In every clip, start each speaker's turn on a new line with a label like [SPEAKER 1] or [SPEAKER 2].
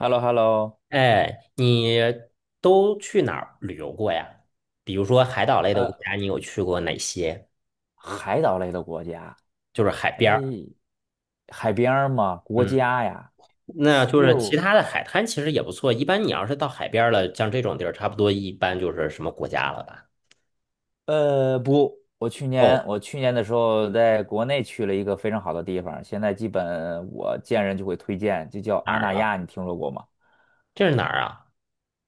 [SPEAKER 1] h e l l o h e l l o。
[SPEAKER 2] 哎，你都去哪儿旅游过呀？比如说海岛类的国
[SPEAKER 1] 呃，
[SPEAKER 2] 家，你有去过哪些？
[SPEAKER 1] 海岛类的国家，
[SPEAKER 2] 就是海边
[SPEAKER 1] 哎，
[SPEAKER 2] 儿。
[SPEAKER 1] 海边儿嘛，国
[SPEAKER 2] 嗯，
[SPEAKER 1] 家呀，
[SPEAKER 2] 那就
[SPEAKER 1] 哎
[SPEAKER 2] 是其
[SPEAKER 1] 呦，
[SPEAKER 2] 他的海滩其实也不错。一般你要是到海边儿了，像这种地儿，差不多一般就是什么国家了吧？
[SPEAKER 1] 不，我
[SPEAKER 2] 哦，
[SPEAKER 1] 去年的时候在国内去了一个非常好的地方，现在基本我见人就会推荐，就叫
[SPEAKER 2] 哪
[SPEAKER 1] 阿
[SPEAKER 2] 儿
[SPEAKER 1] 那
[SPEAKER 2] 啊？
[SPEAKER 1] 亚，你听说过吗？
[SPEAKER 2] 这是哪儿啊？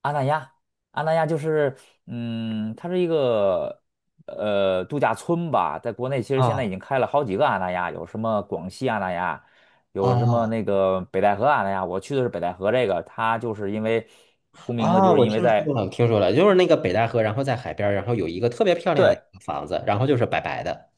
[SPEAKER 1] 阿那亚，阿那亚就是，它是一个度假村吧，在国内其实现在已
[SPEAKER 2] 哦
[SPEAKER 1] 经开了好几个阿那亚，有什么广西阿那亚，有什么
[SPEAKER 2] 哦
[SPEAKER 1] 那个北戴河阿那亚，我去的是北戴河这个，它就是因为出名的，就
[SPEAKER 2] 哦，
[SPEAKER 1] 是
[SPEAKER 2] 我
[SPEAKER 1] 因为
[SPEAKER 2] 听说
[SPEAKER 1] 在。
[SPEAKER 2] 了，听说了，就是那个北戴河，然后在海边儿，然后有一个特别漂亮的一
[SPEAKER 1] 对，
[SPEAKER 2] 个房子，然后就是白白的。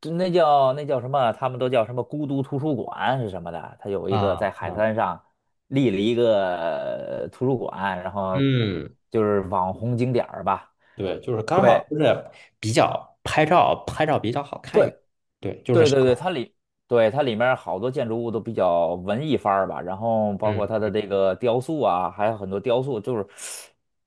[SPEAKER 1] 就那叫什么，他们都叫什么孤独图书馆是什么的，它有一个
[SPEAKER 2] 啊，
[SPEAKER 1] 在海
[SPEAKER 2] 嗯
[SPEAKER 1] 滩上立了一个图书馆，然后
[SPEAKER 2] 嗯。
[SPEAKER 1] 就是网红景点儿吧。
[SPEAKER 2] 对，就是刚
[SPEAKER 1] 对。
[SPEAKER 2] 好就是比较拍照，拍照比较好看
[SPEAKER 1] 对，
[SPEAKER 2] 一点。对，就是
[SPEAKER 1] 对对对，
[SPEAKER 2] 少。
[SPEAKER 1] 对，它里面好多建筑物都比较文艺范儿吧，然后包
[SPEAKER 2] 嗯，
[SPEAKER 1] 括它的这个雕塑啊，还有很多雕塑就是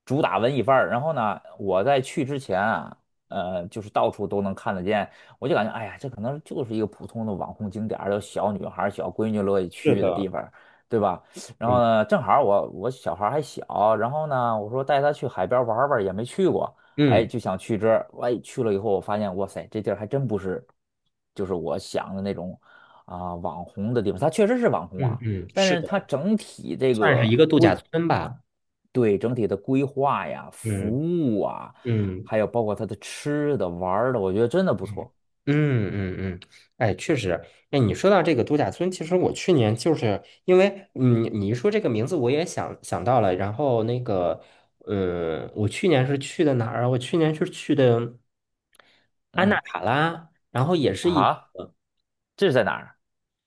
[SPEAKER 1] 主打文艺范儿。然后呢，我在去之前啊，就是到处都能看得见，我就感觉哎呀，这可能就是一个普通的网红景点儿，有小女孩儿小闺女乐意
[SPEAKER 2] 是
[SPEAKER 1] 去的地
[SPEAKER 2] 的，
[SPEAKER 1] 方，对吧？然后
[SPEAKER 2] 嗯
[SPEAKER 1] 呢，正好我小孩儿还小，然后呢，我说带她去海边玩儿玩儿也没去过。哎，
[SPEAKER 2] 嗯
[SPEAKER 1] 就想去这儿。哎，去了以后，我发现，哇塞，这地儿还真不是，就是我想的那种啊、网红的地方。它确实是网红
[SPEAKER 2] 嗯
[SPEAKER 1] 啊，
[SPEAKER 2] 嗯，
[SPEAKER 1] 但
[SPEAKER 2] 是
[SPEAKER 1] 是
[SPEAKER 2] 的，
[SPEAKER 1] 它整体这
[SPEAKER 2] 算是一
[SPEAKER 1] 个
[SPEAKER 2] 个度假
[SPEAKER 1] 规，
[SPEAKER 2] 村吧。
[SPEAKER 1] 对，整体的规划呀、服
[SPEAKER 2] 嗯
[SPEAKER 1] 务啊，
[SPEAKER 2] 嗯
[SPEAKER 1] 还有包括它的吃的、玩儿的，我觉得真的不
[SPEAKER 2] 嗯
[SPEAKER 1] 错。
[SPEAKER 2] 嗯嗯嗯，哎，确实，哎，你说到这个度假村，其实我去年就是因为你一说这个名字，我也想到了。然后那个，嗯，我去年是去的哪儿啊？我去年是去的安纳
[SPEAKER 1] 嗯，
[SPEAKER 2] 卡拉，然后也是一。
[SPEAKER 1] 啊，这是在哪儿？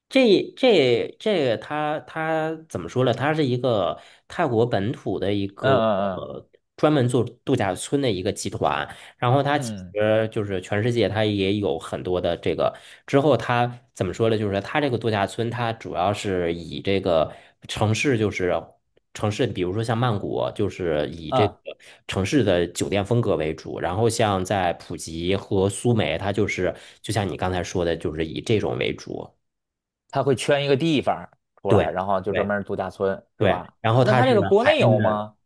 [SPEAKER 2] 这个它怎么说呢？它是一个泰国本土的一
[SPEAKER 1] 嗯
[SPEAKER 2] 个
[SPEAKER 1] 嗯
[SPEAKER 2] 专门做度假村的一个集团，然后它其
[SPEAKER 1] 嗯嗯
[SPEAKER 2] 实就是全世界它也有很多的这个。之后它怎么说呢？就是它这个度假村，它主要是以这个城市就是城市，比如说像曼谷，就是以这个
[SPEAKER 1] 嗯，
[SPEAKER 2] 城市的酒店风格为主。然后像在普吉和苏梅，它就是就像你刚才说的，就是以这种为主。
[SPEAKER 1] 他会圈一个地方出来，
[SPEAKER 2] 对
[SPEAKER 1] 然后就专
[SPEAKER 2] 对
[SPEAKER 1] 门儿度假村，是
[SPEAKER 2] 对，
[SPEAKER 1] 吧？
[SPEAKER 2] 然后
[SPEAKER 1] 那
[SPEAKER 2] 它
[SPEAKER 1] 他这
[SPEAKER 2] 是
[SPEAKER 1] 个国
[SPEAKER 2] 海
[SPEAKER 1] 内
[SPEAKER 2] 边
[SPEAKER 1] 有
[SPEAKER 2] 的。
[SPEAKER 1] 吗？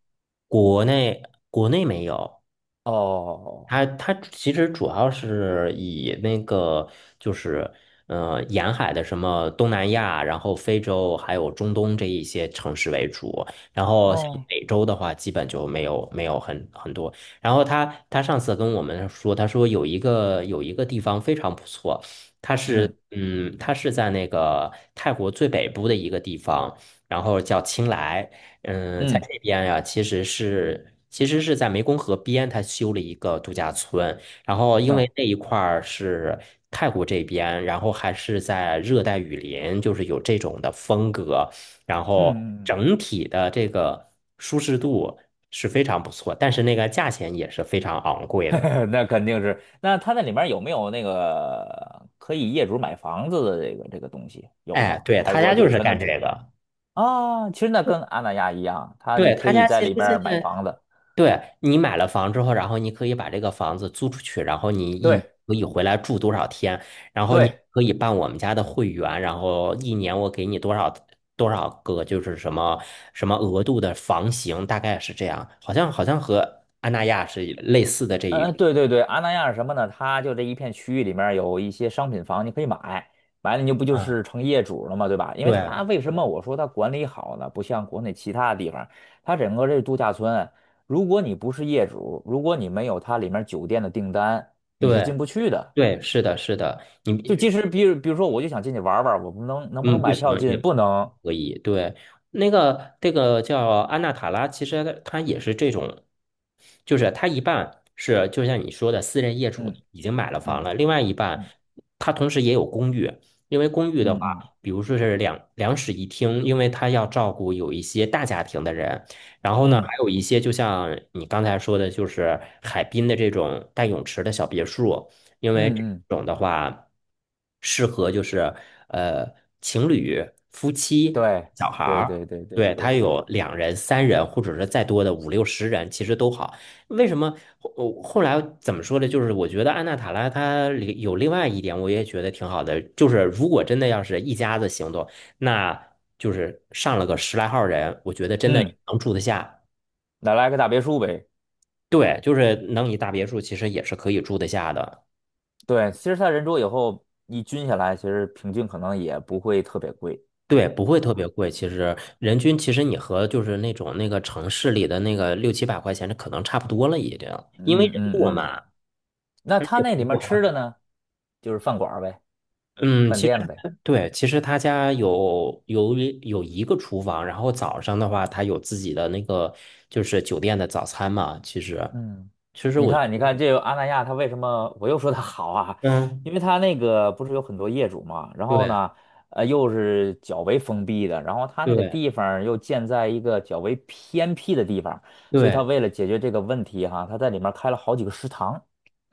[SPEAKER 2] 国内国内没有，
[SPEAKER 1] 哦哦，
[SPEAKER 2] 它它其实主要是以那个就是沿海的什么东南亚，然后非洲还有中东这一些城市为主，然
[SPEAKER 1] 哦
[SPEAKER 2] 后像
[SPEAKER 1] 哦
[SPEAKER 2] 美洲的话，基本就没有很多。然后他上次跟我们说，他说有一个地方非常不错，它
[SPEAKER 1] 嗯
[SPEAKER 2] 是在那个泰国最北部的一个地方。然后叫清莱。嗯，在
[SPEAKER 1] 嗯。
[SPEAKER 2] 这边呀，其实是在湄公河边，他修了一个度假村。然后因为
[SPEAKER 1] 啊，
[SPEAKER 2] 那一块儿是泰国这边，然后还是在热带雨林，就是有这种的风格，然后
[SPEAKER 1] 嗯嗯
[SPEAKER 2] 整体的这个舒适度是非常不错，但是那个价钱也是非常昂
[SPEAKER 1] 嗯，
[SPEAKER 2] 贵的。
[SPEAKER 1] 那肯定是。那它那里面有没有那个可以业主买房子的这个这个东西有
[SPEAKER 2] 哎，
[SPEAKER 1] 吗？
[SPEAKER 2] 对，
[SPEAKER 1] 还是
[SPEAKER 2] 他家
[SPEAKER 1] 说就
[SPEAKER 2] 就是
[SPEAKER 1] 全都
[SPEAKER 2] 干
[SPEAKER 1] 是
[SPEAKER 2] 这
[SPEAKER 1] 酒店
[SPEAKER 2] 个。
[SPEAKER 1] 啊？其实那跟阿那亚一样，它你
[SPEAKER 2] 对，
[SPEAKER 1] 可
[SPEAKER 2] 他
[SPEAKER 1] 以
[SPEAKER 2] 家
[SPEAKER 1] 在
[SPEAKER 2] 其实
[SPEAKER 1] 里
[SPEAKER 2] 现
[SPEAKER 1] 面买
[SPEAKER 2] 在
[SPEAKER 1] 房子。
[SPEAKER 2] 对，你买了房之后，然后你可以把这个房子租出去，然后你一年
[SPEAKER 1] 对
[SPEAKER 2] 可以回来住多少天，然后你
[SPEAKER 1] 对，
[SPEAKER 2] 可以办我们家的会员，然后一年我给你多少个，就是什么额度的房型，大概是这样，好像和安那亚是类似的这一
[SPEAKER 1] 嗯，
[SPEAKER 2] 种。
[SPEAKER 1] 对对对，阿那亚是什么呢？它就这一片区域里面儿有一些商品房，你可以买，买了你就不就
[SPEAKER 2] 嗯，
[SPEAKER 1] 是成业主了吗？对吧？因为它
[SPEAKER 2] 对
[SPEAKER 1] 为什么我说它管理好呢？不像国内其他地方，它整个这度假村，如果你不是业主，如果你没有它里面酒店的订单，你是
[SPEAKER 2] 对
[SPEAKER 1] 进不去的。
[SPEAKER 2] 对，是的，是的，你
[SPEAKER 1] 就即使比如说，我就想进去玩儿玩儿我不能能不能
[SPEAKER 2] 嗯，不
[SPEAKER 1] 买票
[SPEAKER 2] 行，也
[SPEAKER 1] 进？
[SPEAKER 2] 不
[SPEAKER 1] 不能。
[SPEAKER 2] 可以。对，那个这个叫安娜塔拉，其实它也是这种，就是它一半是就像你说的私人业主
[SPEAKER 1] 嗯
[SPEAKER 2] 已经买了房
[SPEAKER 1] 嗯
[SPEAKER 2] 了，另外一半
[SPEAKER 1] 嗯
[SPEAKER 2] 它同时也有公寓，因为公寓的
[SPEAKER 1] 嗯嗯
[SPEAKER 2] 话，比如说是两室一厅，因为它要照顾有一些大家庭的人，然后呢，还
[SPEAKER 1] 嗯
[SPEAKER 2] 有一些就像你刚才说的，就是海滨的这种带泳池的小别墅。因为这
[SPEAKER 1] 嗯嗯，
[SPEAKER 2] 种的话，适合就是呃情侣、夫妻、
[SPEAKER 1] 对
[SPEAKER 2] 小孩
[SPEAKER 1] 对
[SPEAKER 2] 儿，
[SPEAKER 1] 对对对
[SPEAKER 2] 对，
[SPEAKER 1] 对
[SPEAKER 2] 它
[SPEAKER 1] 对，
[SPEAKER 2] 有两人、三人，或者是再多的五六十人，其实都好。为什么后呃后来怎么说呢？就是我觉得安娜塔拉它里有另外一点，我也觉得挺好的，就是如果真的要是一家子行动，那就是上了个十来号人，我觉得真的也
[SPEAKER 1] 嗯，
[SPEAKER 2] 能住得下。
[SPEAKER 1] 那来个大别墅呗。
[SPEAKER 2] 对，就是能一大别墅，其实也是可以住得下的。
[SPEAKER 1] 对，其实它人多以后一均下来，其实平均可能也不会特别贵，
[SPEAKER 2] 对，不会
[SPEAKER 1] 对
[SPEAKER 2] 特
[SPEAKER 1] 吧？
[SPEAKER 2] 别贵。其实人均，其实你和就是那种那个城市里的那个六七百块钱，这可能差不多了已经，因为
[SPEAKER 1] 嗯
[SPEAKER 2] 人
[SPEAKER 1] 嗯
[SPEAKER 2] 多
[SPEAKER 1] 嗯。
[SPEAKER 2] 嘛，
[SPEAKER 1] 那
[SPEAKER 2] 而
[SPEAKER 1] 它
[SPEAKER 2] 且
[SPEAKER 1] 那
[SPEAKER 2] 服
[SPEAKER 1] 里
[SPEAKER 2] 务
[SPEAKER 1] 面
[SPEAKER 2] 还
[SPEAKER 1] 吃的
[SPEAKER 2] 好
[SPEAKER 1] 呢，就是饭馆儿呗，
[SPEAKER 2] 嗯，
[SPEAKER 1] 饭
[SPEAKER 2] 其实
[SPEAKER 1] 店呗。
[SPEAKER 2] 对，其实他家有一个厨房，然后早上的话，他有自己的那个就是酒店的早餐嘛。其实，
[SPEAKER 1] 嗯，
[SPEAKER 2] 其实
[SPEAKER 1] 你
[SPEAKER 2] 我觉
[SPEAKER 1] 看，你
[SPEAKER 2] 得，
[SPEAKER 1] 看这个阿那亚，它为什么我又说它好啊？
[SPEAKER 2] 嗯，
[SPEAKER 1] 因为它那个不是有很多业主嘛，然后
[SPEAKER 2] 对
[SPEAKER 1] 呢，又是较为封闭的，然后它那个
[SPEAKER 2] 对
[SPEAKER 1] 地方儿又建在一个较为偏僻的地方，所以它
[SPEAKER 2] 对，
[SPEAKER 1] 为了解决这个问题哈，它在里面开了好几个食堂。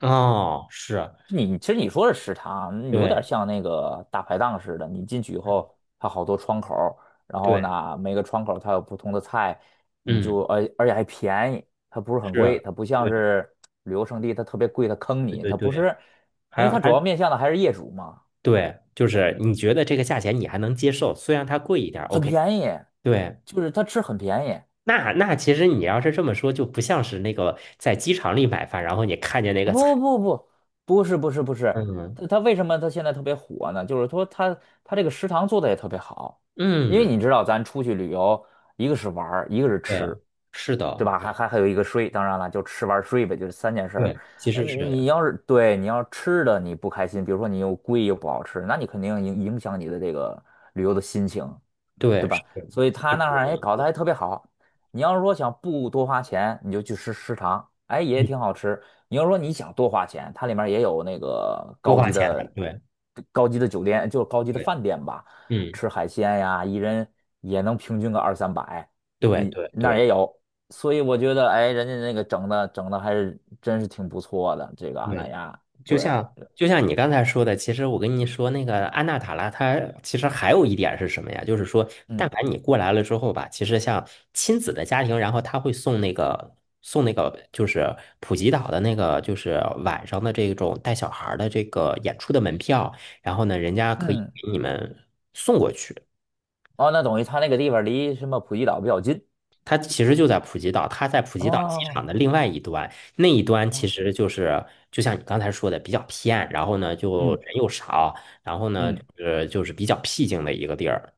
[SPEAKER 2] 哦，是，
[SPEAKER 1] 你其实你说的食堂有点
[SPEAKER 2] 对，
[SPEAKER 1] 像那个大排档似的，你进去以
[SPEAKER 2] 嗯，
[SPEAKER 1] 后，它好多窗口儿然后
[SPEAKER 2] 对，
[SPEAKER 1] 呢，每个窗口儿它有不同的菜，你就
[SPEAKER 2] 嗯，
[SPEAKER 1] 而且还便宜，它不是很
[SPEAKER 2] 是，
[SPEAKER 1] 贵，它不像
[SPEAKER 2] 对
[SPEAKER 1] 是旅游胜地，它特别贵，它坑
[SPEAKER 2] 对
[SPEAKER 1] 你，
[SPEAKER 2] 对
[SPEAKER 1] 它不
[SPEAKER 2] 对，
[SPEAKER 1] 是，因为
[SPEAKER 2] 还
[SPEAKER 1] 它主
[SPEAKER 2] 还。
[SPEAKER 1] 要面向的还是业主嘛，
[SPEAKER 2] 对，就是你觉得这个价钱你还能接受，虽然它贵一点儿
[SPEAKER 1] 很
[SPEAKER 2] ，OK。
[SPEAKER 1] 便宜，
[SPEAKER 2] 对，
[SPEAKER 1] 就是它吃很便宜，
[SPEAKER 2] 那那其实你要是这么说，就不像是那个在机场里买饭，然后你看见那个菜，
[SPEAKER 1] 不不不，不是不是不 是，
[SPEAKER 2] 嗯
[SPEAKER 1] 他为什么他现在特别火呢？就是说他这个食堂做的也特别好，因为
[SPEAKER 2] 嗯，
[SPEAKER 1] 你知道咱出去旅游，一个是玩儿，一个是吃，
[SPEAKER 2] 对，是
[SPEAKER 1] 对
[SPEAKER 2] 的，
[SPEAKER 1] 吧？还有一个睡，当然了，就吃玩儿睡呗，就是三件事儿。
[SPEAKER 2] 对，其实是这
[SPEAKER 1] 你
[SPEAKER 2] 样，
[SPEAKER 1] 要是吃的你不开心，比如说你又贵又不好吃，那你肯定影响你的这个旅游的心情。
[SPEAKER 2] 对，
[SPEAKER 1] 对
[SPEAKER 2] 是
[SPEAKER 1] 吧？
[SPEAKER 2] 是
[SPEAKER 1] 所以他
[SPEAKER 2] 这
[SPEAKER 1] 那
[SPEAKER 2] 个
[SPEAKER 1] 儿
[SPEAKER 2] 意
[SPEAKER 1] 哎搞得
[SPEAKER 2] 思，
[SPEAKER 1] 还特别好。你要是说想不多花钱，你就去吃食堂，哎也
[SPEAKER 2] 嗯，
[SPEAKER 1] 挺好吃。你要说你想多花钱，它里面也有那个
[SPEAKER 2] 多
[SPEAKER 1] 高
[SPEAKER 2] 花
[SPEAKER 1] 级
[SPEAKER 2] 钱的，
[SPEAKER 1] 的、
[SPEAKER 2] 对
[SPEAKER 1] 酒店，就是高级的
[SPEAKER 2] 对，
[SPEAKER 1] 饭店吧，
[SPEAKER 2] 嗯，
[SPEAKER 1] 吃海鲜呀，一人也能平均个二三百，
[SPEAKER 2] 对
[SPEAKER 1] 你
[SPEAKER 2] 对
[SPEAKER 1] 那儿
[SPEAKER 2] 对。
[SPEAKER 1] 也有。所以我觉得，哎，人家那个整的还是真是挺不错的，这个阿那
[SPEAKER 2] 对
[SPEAKER 1] 亚，
[SPEAKER 2] 就
[SPEAKER 1] 对，
[SPEAKER 2] 像就像你刚才说的，其实我跟你说那个安娜塔拉，它其实还有一点是什么呀？就是说，
[SPEAKER 1] 嗯
[SPEAKER 2] 但凡你过来了之后吧，其实像亲子的家庭，然后他会送那个就是普吉岛的那个就是晚上的这种带小孩儿的这个演出的门票，然后呢，人家可以
[SPEAKER 1] 嗯，
[SPEAKER 2] 给你们送过去。
[SPEAKER 1] 哦，那等于他那个地方离什么普吉岛比较近
[SPEAKER 2] 它其实就在普吉岛，它在普吉岛机场
[SPEAKER 1] 哦。
[SPEAKER 2] 的另外一端，那一端其
[SPEAKER 1] 哦
[SPEAKER 2] 实就是就像你刚才说的比较偏，然后呢就
[SPEAKER 1] 嗯。
[SPEAKER 2] 人又少，然后呢
[SPEAKER 1] 嗯
[SPEAKER 2] 就是比较僻静的一个地儿。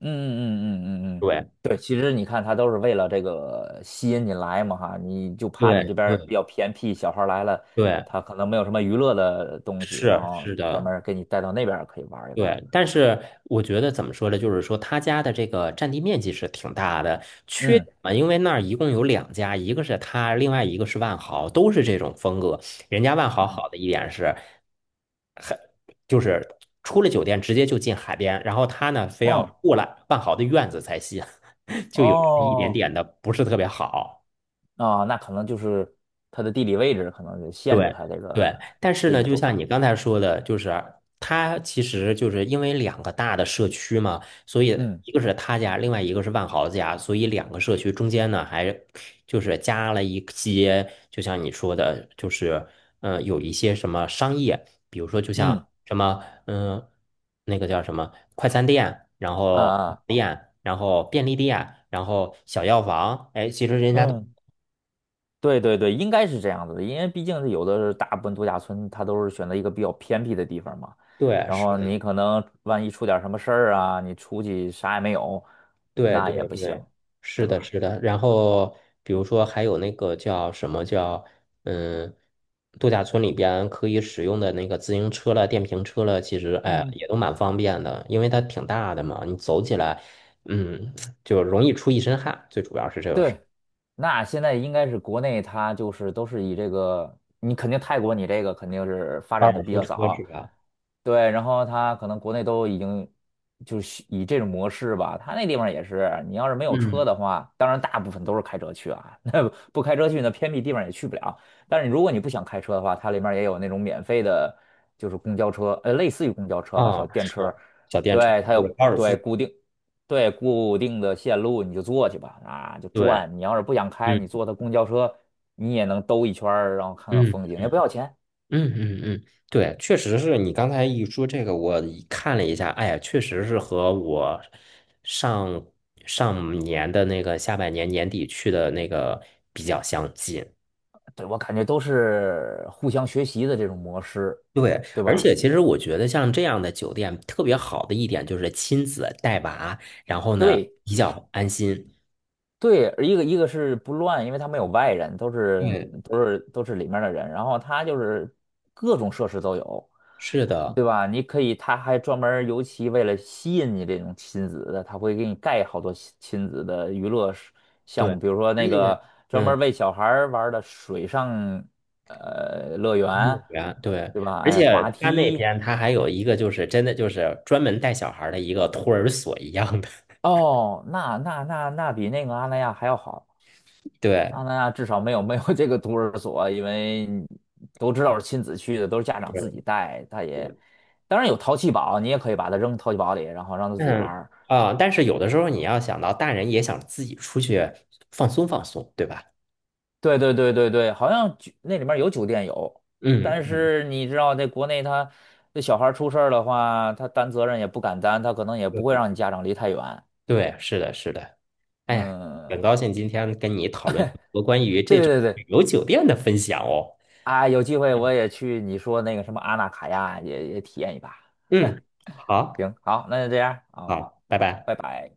[SPEAKER 1] 嗯嗯嗯嗯嗯嗯，
[SPEAKER 2] 对
[SPEAKER 1] 对，其实你看，他都是为了这个吸引你来嘛哈，你就怕
[SPEAKER 2] 对
[SPEAKER 1] 你这边儿比
[SPEAKER 2] 对
[SPEAKER 1] 较偏僻，小孩儿来了，
[SPEAKER 2] 对，
[SPEAKER 1] 他可能没有什么娱乐的东西，然
[SPEAKER 2] 是
[SPEAKER 1] 后
[SPEAKER 2] 是
[SPEAKER 1] 专
[SPEAKER 2] 的。
[SPEAKER 1] 门儿给你带到那边儿可以玩儿一玩儿
[SPEAKER 2] 对，但是我觉得怎么说呢？就是说他家的这个占地面积是挺大的，缺
[SPEAKER 1] 嗯
[SPEAKER 2] 点嘛，因为那儿一共有两家，一个是他，另外一个是万豪，都是这种风格。人家万豪
[SPEAKER 1] 嗯
[SPEAKER 2] 好的一点是，很就是出了酒店直接就进海边，然后他呢非
[SPEAKER 1] 嗯
[SPEAKER 2] 要
[SPEAKER 1] 哦
[SPEAKER 2] 过来万豪的院子才行，就有这么一点
[SPEAKER 1] 哦，
[SPEAKER 2] 点的不是特别好。
[SPEAKER 1] 啊那可能就是他的地理位置可能就限制
[SPEAKER 2] 对
[SPEAKER 1] 他这
[SPEAKER 2] 对，
[SPEAKER 1] 个
[SPEAKER 2] 但是
[SPEAKER 1] 这
[SPEAKER 2] 呢，
[SPEAKER 1] 种
[SPEAKER 2] 就
[SPEAKER 1] 做
[SPEAKER 2] 像
[SPEAKER 1] 法。
[SPEAKER 2] 你刚才说的，就是它其实就是因为两个大的社区嘛，所以
[SPEAKER 1] 嗯
[SPEAKER 2] 一个是他家，另外一个是万豪家，所以两个社区中间呢，还就是加了一些，就像你说的，就是有一些什么商业，比如说就
[SPEAKER 1] 嗯
[SPEAKER 2] 像什么那个叫什么快餐店，然
[SPEAKER 1] 啊
[SPEAKER 2] 后
[SPEAKER 1] 啊
[SPEAKER 2] 店，然后便利店，然后小药房，哎，其实人家都
[SPEAKER 1] 嗯。对对对，应该是这样子的，因为毕竟是有的是大部分度假村，它都是选择一个比较偏僻的地方嘛。
[SPEAKER 2] 对
[SPEAKER 1] 然
[SPEAKER 2] 是。
[SPEAKER 1] 后你
[SPEAKER 2] 的。
[SPEAKER 1] 可能万一出点儿什么事儿啊，你出去啥也没有，
[SPEAKER 2] 对
[SPEAKER 1] 那也
[SPEAKER 2] 对
[SPEAKER 1] 不行，
[SPEAKER 2] 对，是
[SPEAKER 1] 对
[SPEAKER 2] 的，
[SPEAKER 1] 吧？
[SPEAKER 2] 是的。然后比如说还有那个叫什么叫嗯，度假村里边可以使用的那个自行车了、电瓶车了，其实哎
[SPEAKER 1] 嗯。
[SPEAKER 2] 也都蛮方便的，因为它挺大的嘛，你走起来，嗯，就容易出一身汗，最主要是这个是
[SPEAKER 1] 对，那现在应该是国内它就是都是以这个，你肯定泰国你这个肯定是发
[SPEAKER 2] 高
[SPEAKER 1] 展的
[SPEAKER 2] 尔
[SPEAKER 1] 比
[SPEAKER 2] 夫
[SPEAKER 1] 较
[SPEAKER 2] 车是
[SPEAKER 1] 早，
[SPEAKER 2] 吧？
[SPEAKER 1] 对，然后它可能国内都已经就是以这种模式吧，它那地方也是，你要是没有车
[SPEAKER 2] 嗯，
[SPEAKER 1] 的话，当然大部分都是开车去啊，那不开车去那偏僻地方也去不了。但是如果你不想开车的话，它里面也有那种免费的，就是公交车，类似于公交车吧，
[SPEAKER 2] 啊，
[SPEAKER 1] 小电
[SPEAKER 2] 是
[SPEAKER 1] 车，
[SPEAKER 2] 小电车
[SPEAKER 1] 对，它
[SPEAKER 2] 就是
[SPEAKER 1] 有
[SPEAKER 2] 高尔夫，
[SPEAKER 1] 对固定。对，固定的线路你就坐去吧，啊，就
[SPEAKER 2] 对，
[SPEAKER 1] 转。你要是不想开，
[SPEAKER 2] 嗯
[SPEAKER 1] 你坐他公交车，你也能兜一圈儿然后看看
[SPEAKER 2] 嗯。
[SPEAKER 1] 风景，也不要钱。
[SPEAKER 2] 嗯嗯嗯，对，确实是你刚才一说这个，我一看了一下，哎呀，确实是和我上上年的那个下半年年底去的那个比较相近。
[SPEAKER 1] 对，我感觉都是互相学习的这种模式，
[SPEAKER 2] 对，
[SPEAKER 1] 对
[SPEAKER 2] 而
[SPEAKER 1] 吧？
[SPEAKER 2] 且其实我觉得像这样的酒店特别好的一点就是亲子带娃，然后呢
[SPEAKER 1] 对，
[SPEAKER 2] 比较安心。
[SPEAKER 1] 对，一个是不乱，因为他没有外人，都是
[SPEAKER 2] 嗯，
[SPEAKER 1] 都是都是里面的人。然后他就是各种设施都有，
[SPEAKER 2] 是的，
[SPEAKER 1] 对吧？你可以，他还专门儿尤其为了吸引你这种亲子的，他会给你盖好多亲子的娱乐是
[SPEAKER 2] 对，
[SPEAKER 1] 项目，比如说
[SPEAKER 2] 而
[SPEAKER 1] 那
[SPEAKER 2] 且
[SPEAKER 1] 个专门
[SPEAKER 2] 嗯，
[SPEAKER 1] 儿为小孩儿玩儿的水上乐
[SPEAKER 2] 幼
[SPEAKER 1] 园，
[SPEAKER 2] 儿园对，
[SPEAKER 1] 对吧？
[SPEAKER 2] 而
[SPEAKER 1] 哎，滑
[SPEAKER 2] 且他那
[SPEAKER 1] 梯
[SPEAKER 2] 边他还有一个就是真的就是专门带小孩儿的一个托儿所一样的。
[SPEAKER 1] 哦，那比那个阿那亚还要好。
[SPEAKER 2] 对，
[SPEAKER 1] 阿那亚至少没有这个托儿所，因为都知道是亲子去的，都是家
[SPEAKER 2] 是
[SPEAKER 1] 长自己带。他也
[SPEAKER 2] 对，
[SPEAKER 1] 当然有淘气堡，你也可以把它扔淘气堡里，然后让他自己玩
[SPEAKER 2] 嗯
[SPEAKER 1] 儿。
[SPEAKER 2] 啊，但是有的时候你要想到大人也想自己出去放松放松，对吧？
[SPEAKER 1] 对对对对对，好像那里面有酒店有，
[SPEAKER 2] 嗯
[SPEAKER 1] 但
[SPEAKER 2] 嗯，
[SPEAKER 1] 是你知道，在国内他那小孩儿出事儿的话，他担责任也不敢担，他可能也不
[SPEAKER 2] 对
[SPEAKER 1] 会让你家长离太远。
[SPEAKER 2] 对，是的，是的。哎呀，很
[SPEAKER 1] 嗯，
[SPEAKER 2] 高兴今天跟你讨论这么多关于这
[SPEAKER 1] 对
[SPEAKER 2] 种
[SPEAKER 1] 对
[SPEAKER 2] 旅
[SPEAKER 1] 对，
[SPEAKER 2] 游酒店的分享哦。
[SPEAKER 1] 啊，有机会
[SPEAKER 2] 嗯
[SPEAKER 1] 我也去你说那个什么阿纳卡亚也体验一把。
[SPEAKER 2] 嗯，好，
[SPEAKER 1] 行，好，那就这样啊，好
[SPEAKER 2] 好，拜拜。
[SPEAKER 1] 拜拜。